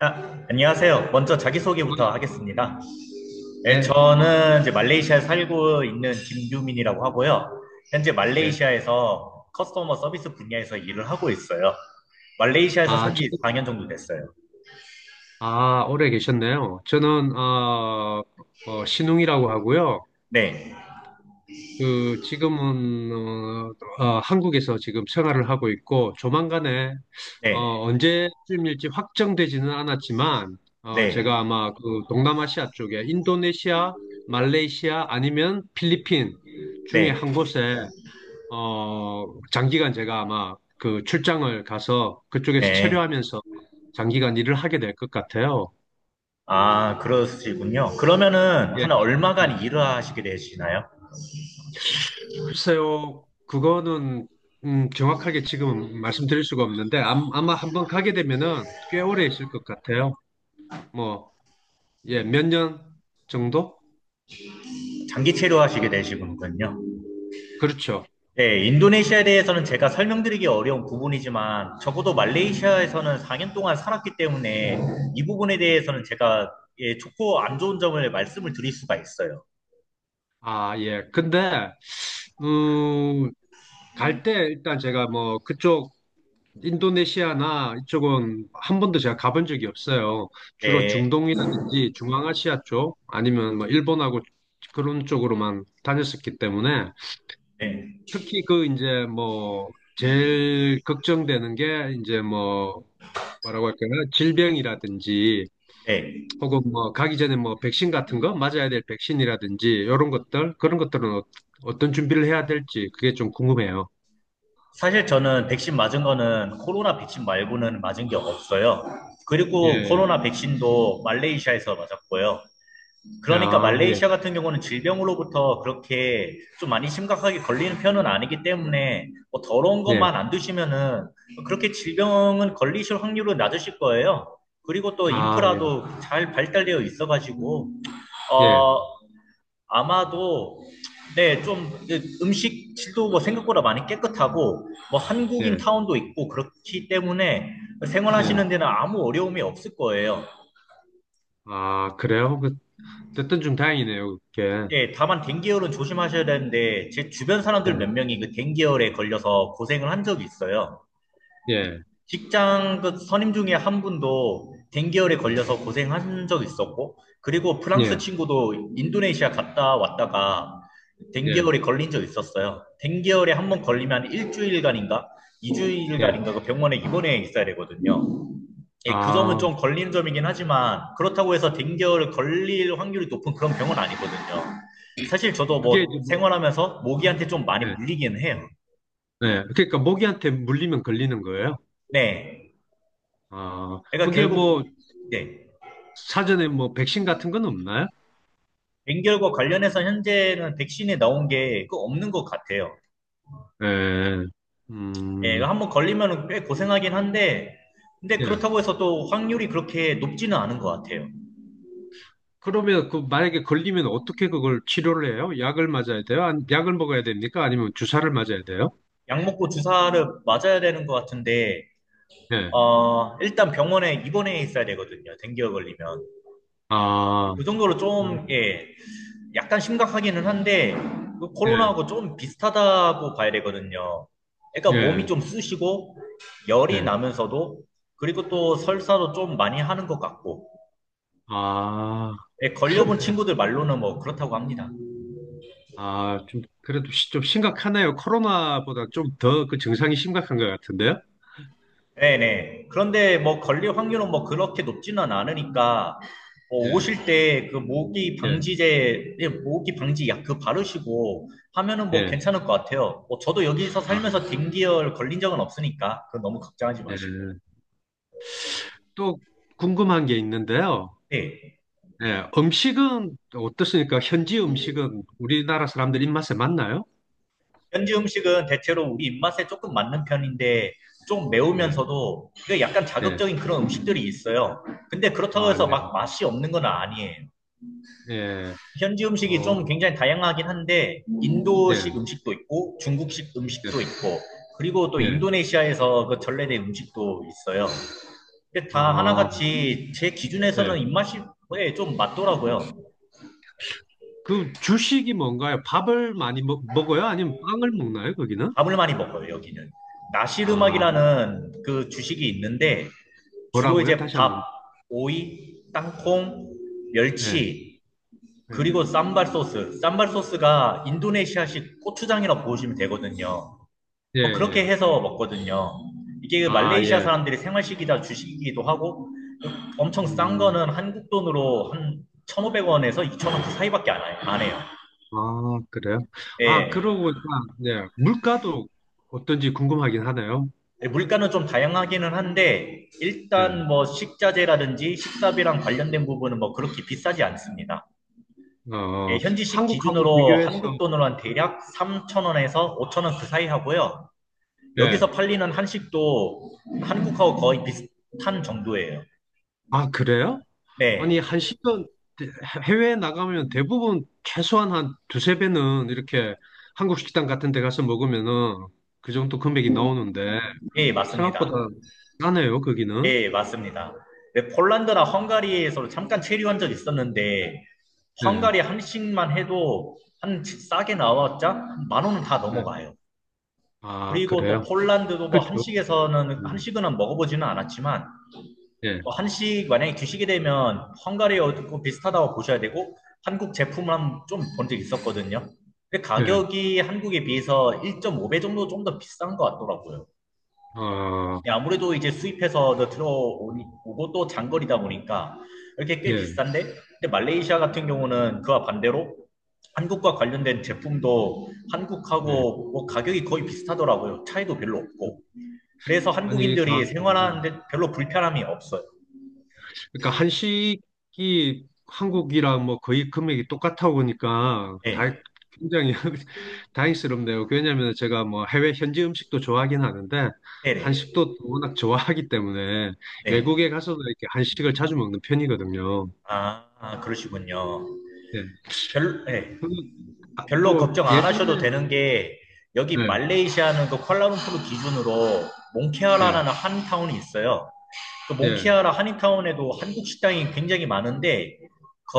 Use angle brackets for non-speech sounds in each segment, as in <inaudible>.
아, 안녕하세요. 먼저 자기소개부터 아, 하겠습니다. 네, 네, 저는 이제 말레이시아에 살고 있는 김규민이라고 하고요. 현재 네. 말레이시아에서 커스터머 서비스 분야에서 일을 하고 있어요. 말레이시아에서 아, 산 지 4년 정도 됐어요. 아, 오래 계셨네요. 저는, 신웅이라고 하고요. 네, 그, 지금은, 한국에서 지금 생활을 하고 있고, 조만간에, 어, 네, 언제쯤일지 확정되지는 않았지만, 제가 네, 아마 그 동남아시아 쪽에 인도네시아, 말레이시아 아니면 필리핀 중에 네, 한 곳에 어, 장기간 제가 아마 그 출장을 가서 그쪽에서 네. 체류하면서 장기간 일을 하게 될 것 같아요. 아, 그러시군요. 그러면은 예. 한 예. 얼마간 일을 하시게 되시나요? 글쎄요, 그거는 정확하게 지금 말씀드릴 수가 없는데 아마 한번 가게 되면은 꽤 오래 있을 것 같아요. 뭐, 예, 몇 년 정도? 장기 체류하시게 되시군요. 그렇죠. 네, 인도네시아에 대해서는 제가 설명드리기 어려운 부분이지만 적어도 말레이시아에서는 4년 동안 살았기 때문에 이 부분에 대해서는 제가 예, 좋고 안 좋은 점을 말씀을 드릴 수가 있어요. 아, 예. 근데 음, 갈 때 일단 제가 뭐 그쪽 인도네시아나 이쪽은 한 번도 제가 가본 적이 없어요. 주로 네, 중동이라든지 중앙아시아 쪽 아니면 뭐 일본하고 그런 쪽으로만 다녔었기 때문에 네, 특히 그 이제 뭐 제일 걱정되는 게 이제 뭐 뭐라고 할까요? 질병이라든지 네. 혹은 뭐 가기 전에 뭐 백신 같은 거 맞아야 될 백신이라든지 이런 것들 그런 것들은 어떤 준비를 해야 될지 그게 좀 궁금해요. 사실 저는 백신 맞은 거는 코로나 백신 말고는 맞은 게 없어요. 그리고 예. 코로나 백신도 말레이시아에서 맞았고요. 그러니까 아, 예. 말레이시아 같은 경우는 질병으로부터 그렇게 좀 많이 심각하게 걸리는 편은 아니기 때문에 뭐 더러운 예. 것만 안 드시면은 그렇게 질병은 걸리실 확률은 낮으실 거예요. 그리고 또 아, 예. 인프라도 잘 발달되어 있어가지고 예. 어 아마도 네, 좀 음식 질도 뭐 생각보다 많이 깨끗하고 뭐 한국인 예. 타운도 있고 그렇기 때문에 예. 생활하시는 데는 아무 어려움이 없을 거예요. 아, 그래요? 그, 됐든 좀 다행이네요, 그게. 예, 다만 댕기열은 조심하셔야 되는데 제 주변 사람들 예, 몇 명이 그 댕기열에 걸려서 고생을 한 적이 있어요. 예, 직장 그 선임 중에 한 분도 댕기열에 걸려서 고생한 적 있었고 그리고 프랑스 예, 친구도 인도네시아 갔다 왔다가 예, 댕기열에 걸린 적 있었어요. 댕기열에 한 번 걸리면 일주일간인가 예. 이주일간인가 그 병원에 입원해 있어야 되거든요. 예, 그 점은 아, 좀 걸리는 점이긴 하지만 그렇다고 해서 댕결 걸릴 확률이 높은 그런 병은 아니거든요. 사실 저도 그게 이제 뭐 뭐, 생활하면서 모기한테 좀 많이 예, 물리긴 해요. 예. 그러니까 모기한테 물리면 걸리는 거예요? 네. 아, 그러니까 그게 뭐, 결국 네. 사전에 뭐, 백신 같은 건 없나요? 댕결과 관련해서 현재는 백신이 나온 게 그 없는 것 같아요. 예, 예, 음, 한번 걸리면 꽤 고생하긴 한데 근데 예. 그렇다고 해서 또 확률이 그렇게 높지는 않은 것 같아요. 그러면 그 만약에 걸리면 어떻게 그걸 치료를 해요? 약을 맞아야 돼요? 아니, 약을 먹어야 됩니까? 아니면 주사를 맞아야 돼요? 약 먹고 주사를 맞아야 되는 것 같은데 예, 일단 병원에 입원해 있어야 되거든요. 댕겨 걸리면. 아, 그 정도로 음, 좀, 예, 약간 심각하기는 한데, 그 예, 코로나하고 좀 비슷하다고 봐야 되거든요. 그러니까 예, 몸이 좀 쑤시고, 열이 예. 나면서도, 그리고 또 설사도 좀 많이 하는 것 같고, 아, 예, <laughs> 그렇네. 걸려본 친구들 말로는 뭐 그렇다고 합니다. 아, 좀, 그래도 좀 심각하네요. 코로나보다 좀 더 그 증상이 심각한 것 같은데요? 네네. 그런데 뭐 걸릴 확률은 뭐 그렇게 높지는 않으니까 뭐 예, 오실 때 그 모기 예, 방지제, 예, 모기 방지 약 그 바르시고 하면은 뭐 예. 괜찮을 것 같아요. 뭐 저도 여기서 아, 살면서 댕기열 걸린 적은 없으니까 그 너무 걱정하지 마시고요. 예. 또 궁금한 게 있는데요. 네. 예, 음식은 어떻습니까? 현지 음식은 우리나라 사람들 입맛에 맞나요? 현지 음식은 대체로 우리 입맛에 조금 맞는 편인데 좀 네, 매우면서도 그 약간 예, 자극적인 그런 음식들이 있어요. 근데 그렇다고 아, 해서 네, 막 맛이 없는 건 아니에요. 예, 현지 음식이 어, 좀 굉장히 다양하긴 한데 인도식 예, 음식도 있고 중국식 예, 음식도 있고 그리고 또 예, 인도네시아에서 그 전래된 음식도 있어요. 근데 다 아, 하나같이 제 예. 기준에서는 입맛이 예, 좀 맞더라고요. 그 주식이 뭔가요? 밥을 많이 먹어요? 아니면 빵을 먹나요? 거기는? 밥을 많이 먹어요, 여기는. 아, 나시르막이라는 그 주식이 있는데 주로 뭐라고요? 이제 다시 밥, 한번. 오이, 땅콩, 예, 멸치, 예. 그리고 쌈발 소스. 쌈발 소스가 인도네시아식 고추장이라고 보시면 되거든요. 예, 뭐 예. 그렇게 해서 먹거든요. 이게 그 아, 말레이시아 예. 사람들이 생활식이다 주식이기도 하고 엄청 싼 음, 거는 한국 돈으로 한 1,500원에서 2,000원 그 사이밖에 안 해요. 아, 그래요? 아, 예. 그러고 보니까, 네. 물가도 어떤지 궁금하긴 하네요. 예, 물가는 좀 다양하기는 한데 네. 일단 뭐 식자재라든지 식사비랑 관련된 부분은 뭐 그렇게 비싸지 않습니다. 예, 어, 현지식 한국하고 기준으로 비교해서, 한국 돈으로 한 대략 3,000원에서 5,000원 그 사이 하고요. 네. 여기서 팔리는 한식도 한국하고 거의 비슷한 정도예요. 아, 그래요? 아니, 네. 한 10년, 해외에 나가면 대부분 최소한 한 두세 배는 이렇게 한국 식당 같은 데 가서 먹으면은 그 정도 금액이 나오는데, 예, 맞습니다. 생각보다 싸네요, 거기는. 예, 맞습니다. 네, 폴란드나 헝가리에서 잠깐 체류한 적 있었는데, 네. 헝가리 한식만 해도 싸게 나왔자 한만 원은 다 네. 넘어가요. 아, 그리고 또 그래요? 폴란드도 뭐 그쵸. 한식에서는, 음, 한식은 먹어보지는 않았지만, 예, 뭐 한식 만약에 드시게 되면 헝가리하고 비슷하다고 보셔야 되고, 한국 제품만 좀 본 적 있었거든요. 근데 예, 가격이 한국에 비해서 1.5배 정도 좀 더 비싼 것 같더라고요. 아, 네, 아무래도 이제 수입해서 들어오고 또 장거리다 보니까 이렇게 꽤 예, 비싼데, 근데 말레이시아 같은 경우는 그와 반대로 한국과 관련된 제품도 예. 한국하고 뭐 가격이 거의 비슷하더라고요. 차이도 별로 없고. 그래서 아니, 한국인들이 그러니까 생활하는데 별로 불편함이 없어요. 그러니까 한식이 한국이랑 뭐 거의 금액이 똑같아 보니까 다 네, 굉장히 <laughs> 다행스럽네요. 왜냐하면 제가 뭐 해외 현지 음식도 좋아하긴 하는데 네네, 한식도 워낙 좋아하기 때문에 네. 네. 외국에 가서도 이렇게 한식을 자주 먹는 편이거든요. 아, 아, 그러시군요. 예. 별, 네. 그리고 아, 별로 또 걱정 안 하셔도 예전에 되는 게 여기 예, 말레이시아는 그 쿠알라룸푸르 기준으로 예, 몽케라라는 한 타운이 있어요. 그 예, 몽키아라 한인타운에도 한국 식당이 굉장히 많은데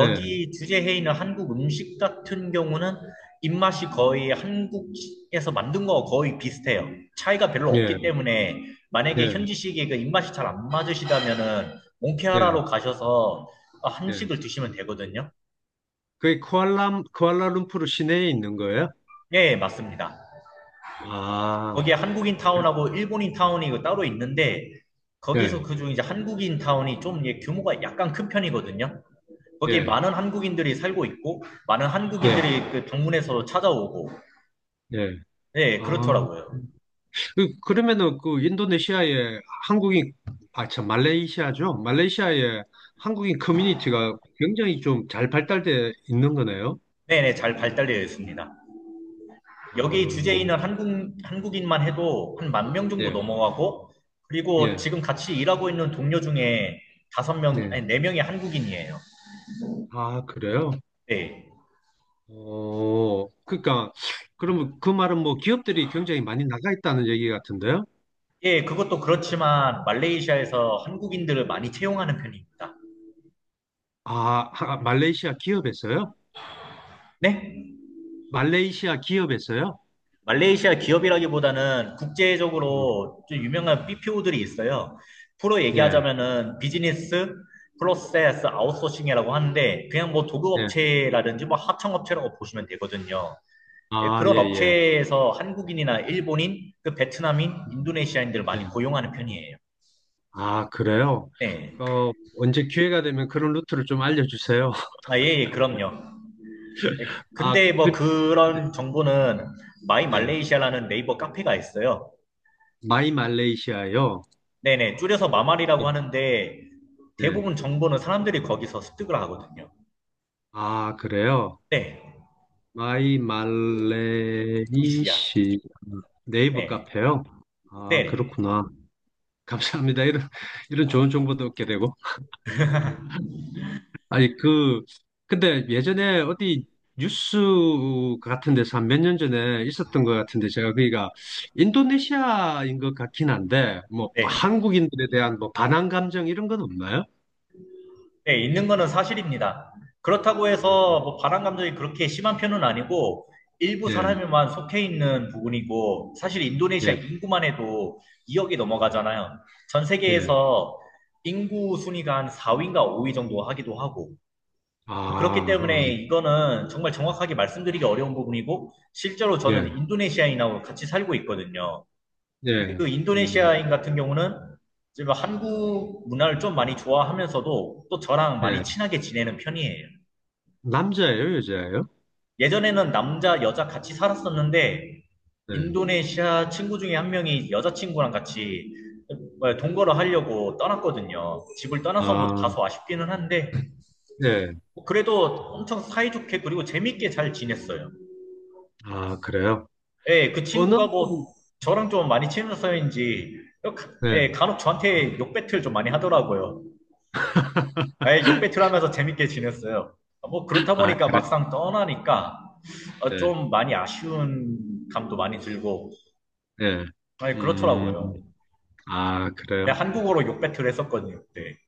예, 주제해 있는 한국 음식 같은 경우는 입맛이 거의 한국에서 만든 거 거의 비슷해요. 차이가 별로 예, 없기 때문에 만약에 예, 현지식의 그 입맛이 잘 안 맞으시다면은 몽키아라로 예, 가셔서 예. 한식을 드시면 되거든요. 그게 쿠알라룸푸르 시내에 있는 거예요? 네 맞습니다. 아, 거기에 한국인 타운하고 일본인 타운이 그 따로 있는데 예, 거기서 그중 이제 한국인 타운이 좀 예, 규모가 약간 큰 편이거든요. 거기 예. 많은 한국인들이 살고 있고 많은 예, 한국인들이 그 방문해서 찾아오고 예. 네 아, 그렇더라고요. 그러면은 그 인도네시아에 한국인, 아, 참, 말레이시아죠? 말레이시아에 한국인 커뮤니티가 굉장히 좀 잘 발달돼 있는 거네요. 네네 잘 발달되어 있습니다. 아, 여기 주재에 있는 한국인만 해도 한 10,000명 정도 예, 넘어가고 그리고 예, 지금 같이 일하고 있는 동료 중에 다섯 명 예. 아니 네 명이 한국인이에요. 아, 그래요? 네. 그러니까, 그러면 그 말은 뭐 기업들이 굉장히 많이 나가 있다는 얘기 같은데요? 예, 그것도 그렇지만 말레이시아에서 한국인들을 많이 채용하는 편입니다. 아, 말레이시아 기업에서요? 네? 말레이시아 기업에서요? 말레이시아 기업이라기보다는 음, 국제적으로 좀 유명한 BPO들이 있어요. 프로 예, 얘기하자면은 비즈니스 프로세스 아웃소싱이라고 하는데 그냥 뭐 예. 도급업체라든지 뭐 하청업체라고 보시면 되거든요. 예, 아, 예, 그런 예. 업체에서 한국인이나 일본인, 그 베트남인, 인도네시아인들 예. 많이 고용하는 편이에요. 아, 그래요? 네. 언제 기회가 되면 그런 루트를 좀 알려주세요. <laughs> 아, 예, 예, 그럼요. 예, 아, 근데 뭐 그, 그런 정보는 마이 예. 말레이시아라는 네이버 카페가 있어요. 마이 말레이시아요? 네네, 줄여서 마말이라고 예. 하는데 네. 대부분 정보는 사람들이 거기서 습득을 하거든요. 아, 그래요? 네, 마이 이시야. 말레이시 네이버 네, 카페요? 아, 네, 그렇구나. 감사합니다. 이런 좋은 정보도 얻게 되고. 아니, 그, 근데 예전에 어디 뉴스 같은 데서 한 몇 년 전에 있었던 것 같은데 제가 그니까 인도네시아인 것 같긴 한데 뭐 네, 한국인들에 대한 뭐 반항 감정 이런 건 없나요? 네, 있는 거는 사실입니다. 그렇다고 해서 뭐 바람 감정이 그렇게 심한 편은 아니고 일부 예, 사람에만 속해 있는 부분이고 사실 인도네시아 예, 인구만 해도 2억이 예, 넘어가잖아요. 전 예. 세계에서 인구 순위가 한 4위인가 5위 정도 하기도 하고 그렇기 아, 때문에 음, 이거는 정말 정확하게 말씀드리기 어려운 부분이고, 실제로 저는 예, 인도네시아인하고 같이 살고 있거든요. 근데 예, 그 음, 인도네시아인 같은 경우는 지금 한국 문화를 좀 많이 좋아하면서도 또 저랑 많이 예. 친하게 지내는 편이에요. 남자예요, 여자예요? 예전에는 남자, 여자 같이 살았었는데, 네. 인도네시아 친구 중에 한 명이 여자친구랑 같이 동거를 하려고 떠났거든요. 집을 떠나서 뭐 아, 다소 아쉽기는 한데, 예. 뭐 그래도 엄청 사이좋게 그리고 재밌게 잘 지냈어요. 아, 그래요? 예, 그 친구가 언어는, 뭐 저랑 좀 많이 친해서인지 네. 예, 간혹 저한테 욕배틀 좀 많이 하더라고요. 아예 욕배틀 하면서 재밌게 지냈어요. 뭐 그렇다 아, 보니까 그래. 막상 떠나니까 예, 좀 많이 아쉬운 감도 많이 들고 예. 아 음, 그렇더라고요. 아, 그래요? 내가 한국어로 욕배틀 했었거든요. 그때.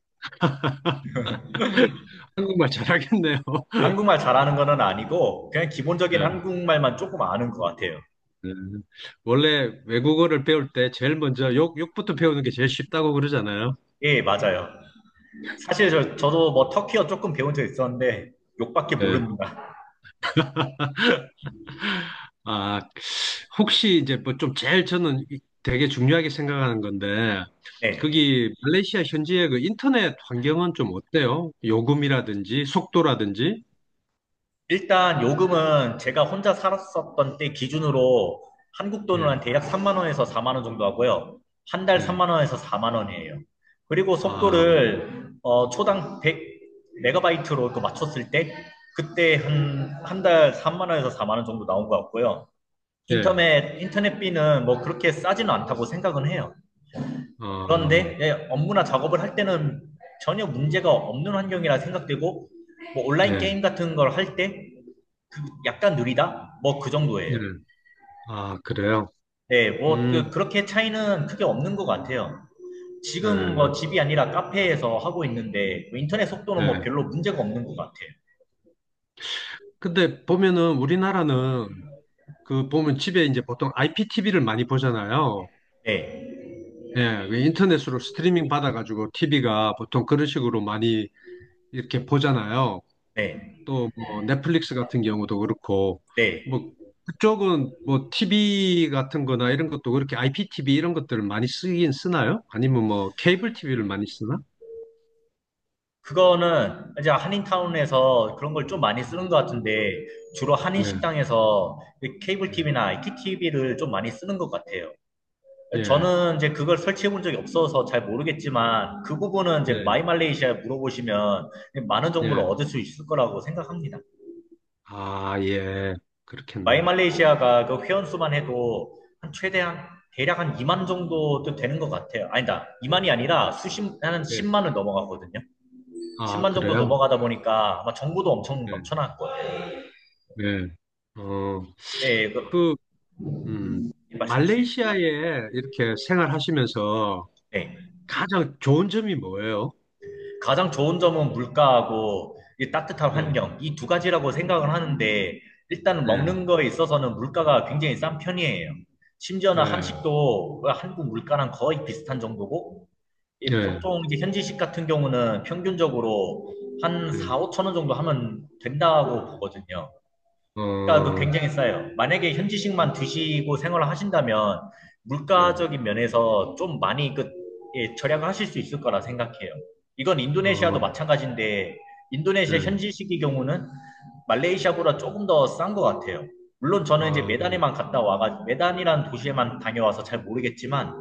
<laughs> 한국말 잘하겠네요. 한국말 잘하는 거는 아니고 그냥 네, 기본적인 한국말만 조금 아는 것 같아요. 네. 원래 외국어를 배울 때 제일 먼저 욕부터 배우는 게 제일 쉽다고 그러잖아요. 예, 맞아요. 사실 저도 뭐 터키어 조금 배운 적 있었는데 욕밖에 네. 모릅니다. <laughs> 아, 혹시 이제 뭐 좀 제일 저는 되게 중요하게 생각하는 건데, 네. 거기 말레이시아 현지의 그 인터넷 환경은 좀 어때요? 요금이라든지 속도라든지? 일단 요금은 제가 혼자 살았었던 때 기준으로 한국 돈으로 예, 한 대략 3만 원에서 4만 원 정도 하고요. 한 달 예. 3만 원에서 4만 원이에요. 그리고 아, 속도를 초당 100 메가바이트로 또 맞췄을 때 그때 한 달 3만 원에서 4만 원 정도 나온 것 같고요. 예. 인터넷비는 뭐 그렇게 싸지는 않다고 생각은 해요. 어, 그런데 예, 업무나 작업을 할 때는 전혀 문제가 없는 환경이라 생각되고 뭐 온라인 예, 게임 같은 걸할때 약간 느리다? 뭐 그 예. 정도예요. 아, 그래요? 네, 뭐 음, 그렇게 차이는 크게 없는 것 같아요. 지금 예, 뭐 집이 아니라 카페에서 하고 있는데 뭐 인터넷 속도는 뭐 예. 별로 문제가 없는 것 같아요. 근데 보면은 우리나라는 그 보면 집에 이제 보통 IPTV를 많이 보잖아요. 네, 예, 그 인터넷으로 스트리밍 받아가지고 TV가 보통 그런 식으로 많이 이렇게 보잖아요. 네, 또 뭐 넷플릭스 같은 경우도 그렇고 네. 뭐 그쪽은 뭐 TV 같은 거나 이런 것도 그렇게 IPTV 이런 것들을 많이 쓰긴 쓰나요? 아니면 뭐 케이블 TV를 많이 쓰나? 그거는 이제 한인타운에서 그런 걸 좀 많이 쓰는 것 같은데 주로 한인 예, 식당에서 케이블 예, TV나 IPTV를 좀 많이 쓰는 것 같아요. 예, 저는 이제 그걸 설치해 본 적이 없어서 잘 모르겠지만 그 부분은 이제 예. 마이말레이시아에 물어보시면 많은 정보를 예. 얻을 수 있을 거라고 생각합니다. 아, 예. 그렇겠네요. 마이말레이시아가 그 회원 수만 해도 한 최대한 대략 한 2만 정도도 되는 것 같아요. 아니다. 2만이 아니라 수십, 한 예. 10만을 넘어가거든요. 아, 10만 정도 그래요? 넘어가다 보니까 아마 정보도 엄청 예. 넘쳐날 거예요. 네. 어, 네, 그, 음, 말씀 주세요. 말레이시아에 이렇게 생활하시면서 네. 가장 좋은 점이 뭐예요? 가장 좋은 점은 물가하고 이 따뜻한 네, 환경, 이 두 가지라고 생각을 하는데, 일단 먹는 네, 거에 있어서는 물가가 굉장히 싼 편이에요. 심지어는 네, 한식도 한국 물가랑 거의 비슷한 정도고, 이 네, 보통 이제 현지식 같은 경우는 평균적으로 한 4, 네, 5천 원 정도 하면 된다고 보거든요. 그러니까 그 어, 굉장히 싸요. 만약에 현지식만 드시고 생활을 하신다면 네, 물가적인 면에서 좀 많이 그 예, 절약을 하실 수 있을 거라 생각해요. 이건 어, 인도네시아도 마찬가지인데 네, 인도네시아 현지식의 경우는 말레이시아보다 조금 더 싼 것 같아요. 물론 저는 이제 아, 메단에만 갔다 와가 메단이라는 도시에만 다녀와서 잘 모르겠지만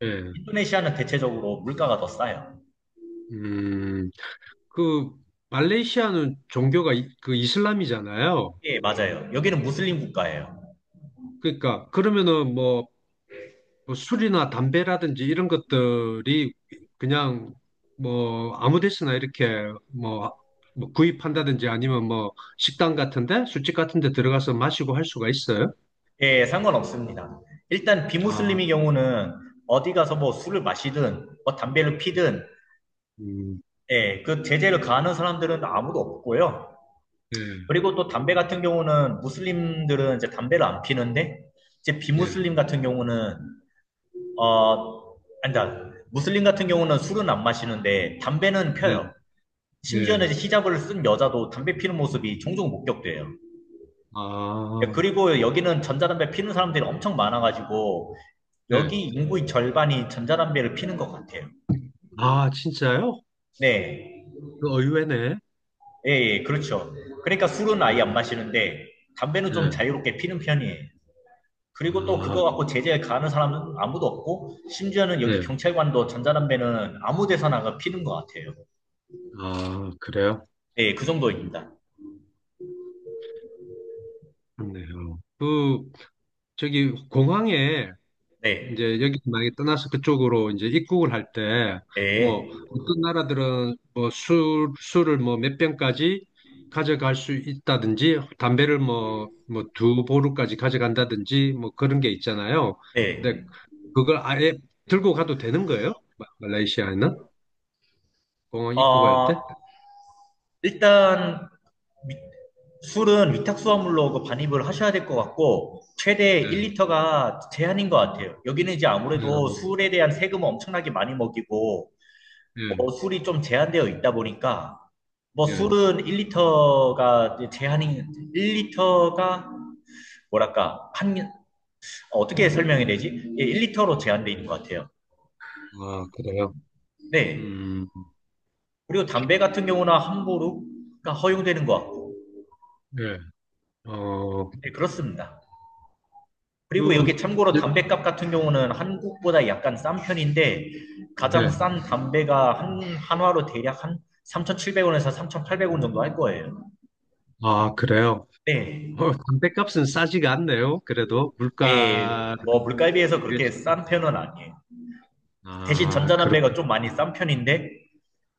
네, 인도네시아는 대체적으로 물가가 더 싸요. 음, 그, 말레이시아는 종교가 이, 그 이슬람이잖아요. 예, 맞아요. 여기는 무슬림 국가예요. 그러니까, 그러면은 뭐, 뭐, 술이나 담배라든지 이런 것들이 그냥 뭐 아무 데서나 이렇게 뭐, 뭐 구입한다든지 아니면 뭐 식당 같은데 술집 같은데 들어가서 마시고 할 수가 있어요? 예, 상관없습니다. 일단 아, 비무슬림의 경우는 어디 가서 뭐 술을 마시든 뭐 담배를 피든 음, 예, 그 제재를 가하는 사람들은 아무도 없고요. 네, 그리고 또 담배 같은 경우는 무슬림들은 이제 담배를 안 피는데 이제 네, 비무슬림 같은 경우는 어 아니다. 무슬림 같은 경우는 술은 안 마시는데 담배는 네, 펴요. 심지어는 네. 이제 히잡을 쓴 여자도 담배 피는 모습이 종종 목격돼요. 예, 아, 그리고 음, 여기는 전자담배 피는 사람들이 엄청 많아가지고 네. 여기 인구의 절반이 전자담배를 피는 것 같아요. 아, 진짜요? 네. 그 의외네. 예, 예, 그렇죠. 그러니까 술은 아예 안 음, 마시는데 담배는 좀 네. 자유롭게 피는 편이에요. 그리고 또 아, 그거 갖고 제재 가하는 사람은 아무도 없고 심지어는 여기 네. 경찰관도 전자담배는 아무 데서나 그 피는 것 같아요. 아, 그래요? 네, 그 음, 정도입니다. 그렇네요. 그 저기 공항에 네. 이제 여기 만약에 떠나서 그쪽으로 이제 입국을 할 때, 뭐, 네. 어떤 나라들은 뭐 술, 술을 뭐 몇 병까지 가져갈 수 있다든지, 담배를 뭐, 뭐 두 보루까지 가져간다든지, 뭐 그런 게 있잖아요. 근데 네. 그걸 아예 들고 가도 되는 거예요? 마- 말레이시아에는? 공항 입국할 어, 때? 일단 술은 위탁수화물로 그 반입을 하셔야 될 것 같고, 최대 1리터가 제한인 것 같아요. 여기는 이제 예, 어, 아무래도 술에 대한 세금을 엄청나게 많이 먹이고, 예, 술이 좀 제한되어 있다 보니까, 뭐 예. 술은 1리터가 제한인, 1리터가 뭐랄까, 한, 어떻게 설명해야 되지? 예, 1리터로 제한되어 있는 것 같아요. 아, 그래요? 네. 음, 그리고 담배 같은 경우나 함부로가 허용되는 것 같고, 예. 어, 네, 그렇습니다. 그리고 그, 여기 참고로 예. 담배값 같은 경우는 한국보다 약간 싼 편인데 가장 예. 싼 담배가 한 한화로 대략 한 3,700원에서 3,800원 정도 할 거예요. 아, 그래요? 네. 담뱃값은 싸지가 않네요. 그래도 물가를 예, 뭐 물가에 비해서 그렇게 비교했을 때. 싼 편은 아니에요. 대신 아, 그렇군요. 전자담배가 좀 많이 싼 편인데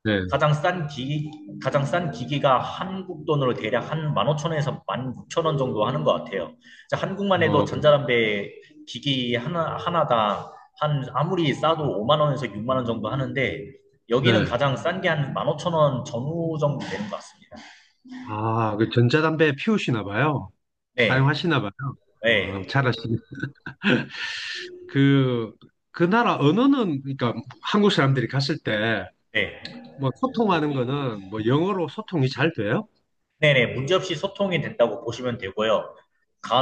네. 가장 싼 기기, 가장 싼 기기가 한국 돈으로 대략 한 15,000원에서 16,000원 정도 하는 것 같아요. 자, 한국만 해도 어, 전자담배 기기 하나당 한 아무리 싸도 5만 원에서 6만 원 정도 하는데 여기는 네. 가장 싼 게 한 15,000원 전후 정도 되는 것 같습니다. 아, 그 전자담배 피우시나 봐요. 네, 사용하시나 봐요. 네, 잘하시네. <laughs> 그, 그 나라 언어는, 그러니까 한국 사람들이 갔을 때, 네, 뭐, 소통하는 거는, 뭐, 영어로 소통이 잘 돼요? 네네 문제없이 소통이 된다고 보시면 되고요.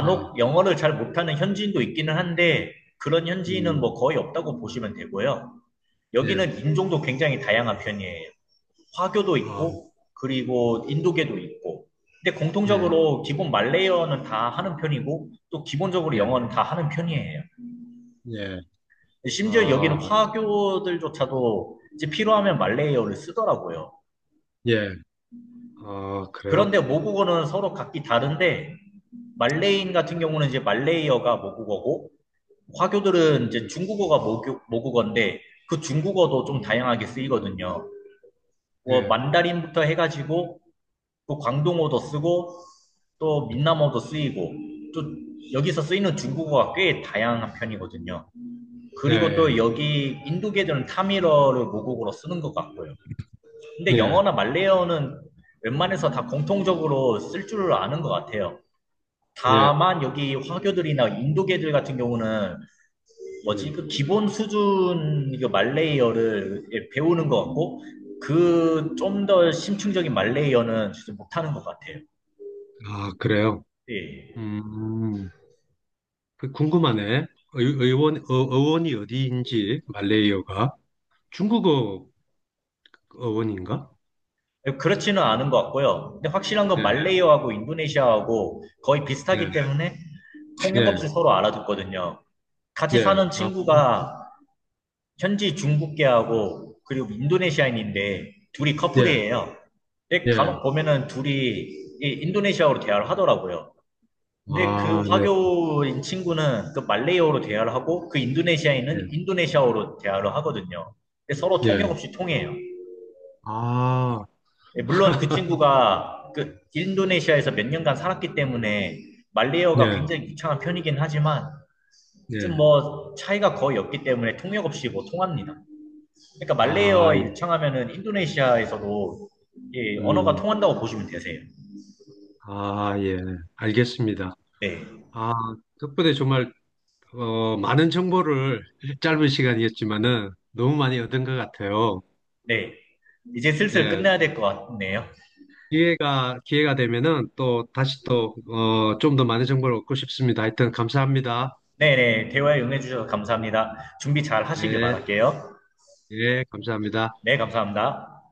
네. 영어를 잘 못하는 현지인도 있기는 한데 그런 현지인은 음, 뭐 거의 없다고 보시면 되고요. 예. 여기는 인종도 굉장히 다양한 편이에요. 화교도 아, 있고, 그리고 인도계도 있고. 근데 네. 공통적으로 기본 말레이어는 다 하는 편이고, 또 기본적으로 예. 영어는 다 하는 편이에요. 예. 심지어 아, 여기는 화교들조차도 이제 필요하면 말레이어를 쓰더라고요. 예. 아, 그런데 그래요? 모국어는 서로 각기 다른데, 말레이인 같은 경우는 이제 말레이어가 모국어고, 화교들은 이제 음, 중국어가 모국어인데, 그 중국어도 좀 다양하게 쓰이거든요. 뭐, 예. 만다린부터 해가지고, 또 광동어도 쓰고 또 민남어도 쓰이고 또 여기서 쓰이는 중국어가 꽤 다양한 편이거든요. 그리고 네. 또 여기 인도계들은 타밀어를 모국어로 쓰는 것 같고요. 근데 예. 영어나 말레어는 이 웬만해서 다 공통적으로 쓸 줄 아는 것 같아요. 예. 다만 여기 화교들이나 인도계들 같은 경우는 네. 뭐지 그 기본 수준 그 말레이어를 예, 배우는 것 같고 그 좀 더 심층적인 말레이어는 진짜 못하는 것 같아요. 아, 그래요? 예. 음, 그 궁금하네. 의원이 어디인지, 말레이어가. 중국어 의원인가? 그렇지는 않은 것 같고요. 근데 확실한 건 네, 말레이어하고 인도네시아하고 거의 비슷하기 네, 때문에 통역 없이 네, 서로 알아듣거든요. 같이 네. 사는 아, 친구가 현지 중국계하고 그리고 인도네시아인인데 둘이 네, 커플이에요. 근데 간혹 네. 보면은 둘이 인도네시아어로 대화를 하더라고요. 근데 아, 그 네, 화교인 친구는 그 말레이어로 대화를 하고 그 네, 인도네시아인은 인도네시아어로 대화를 하거든요. 근데 서로 네. 통역 없이 통해요. 아, 예, 물론 그 <laughs> 친구가 그 인도네시아에서 몇 년간 살았기 때문에 말레이어가 예, 굉장히 유창한 편이긴 하지만 네. 좀 뭐 차이가 거의 없기 때문에 통역 없이 뭐 통합니다. 그러니까 말레이어 아, 예. 유창하면은 인도네시아에서도 예, 언어가 음, 통한다고 보시면 되세요. 아, 예. 알겠습니다. 네. 아, 덕분에 정말, 많은 정보를 짧은 시간이었지만은 너무 많이 얻은 것 같아요. 네. 이제 슬슬 네. 끝내야 될 것 같네요. 기회가 되면은 또 다시 또, 좀 더 많은 정보를 얻고 싶습니다. 하여튼 감사합니다. 네네. 대화에 응해주셔서 감사합니다. 준비 잘 하시길 네, 바랄게요. 예, 감사합니다. 네, 감사합니다.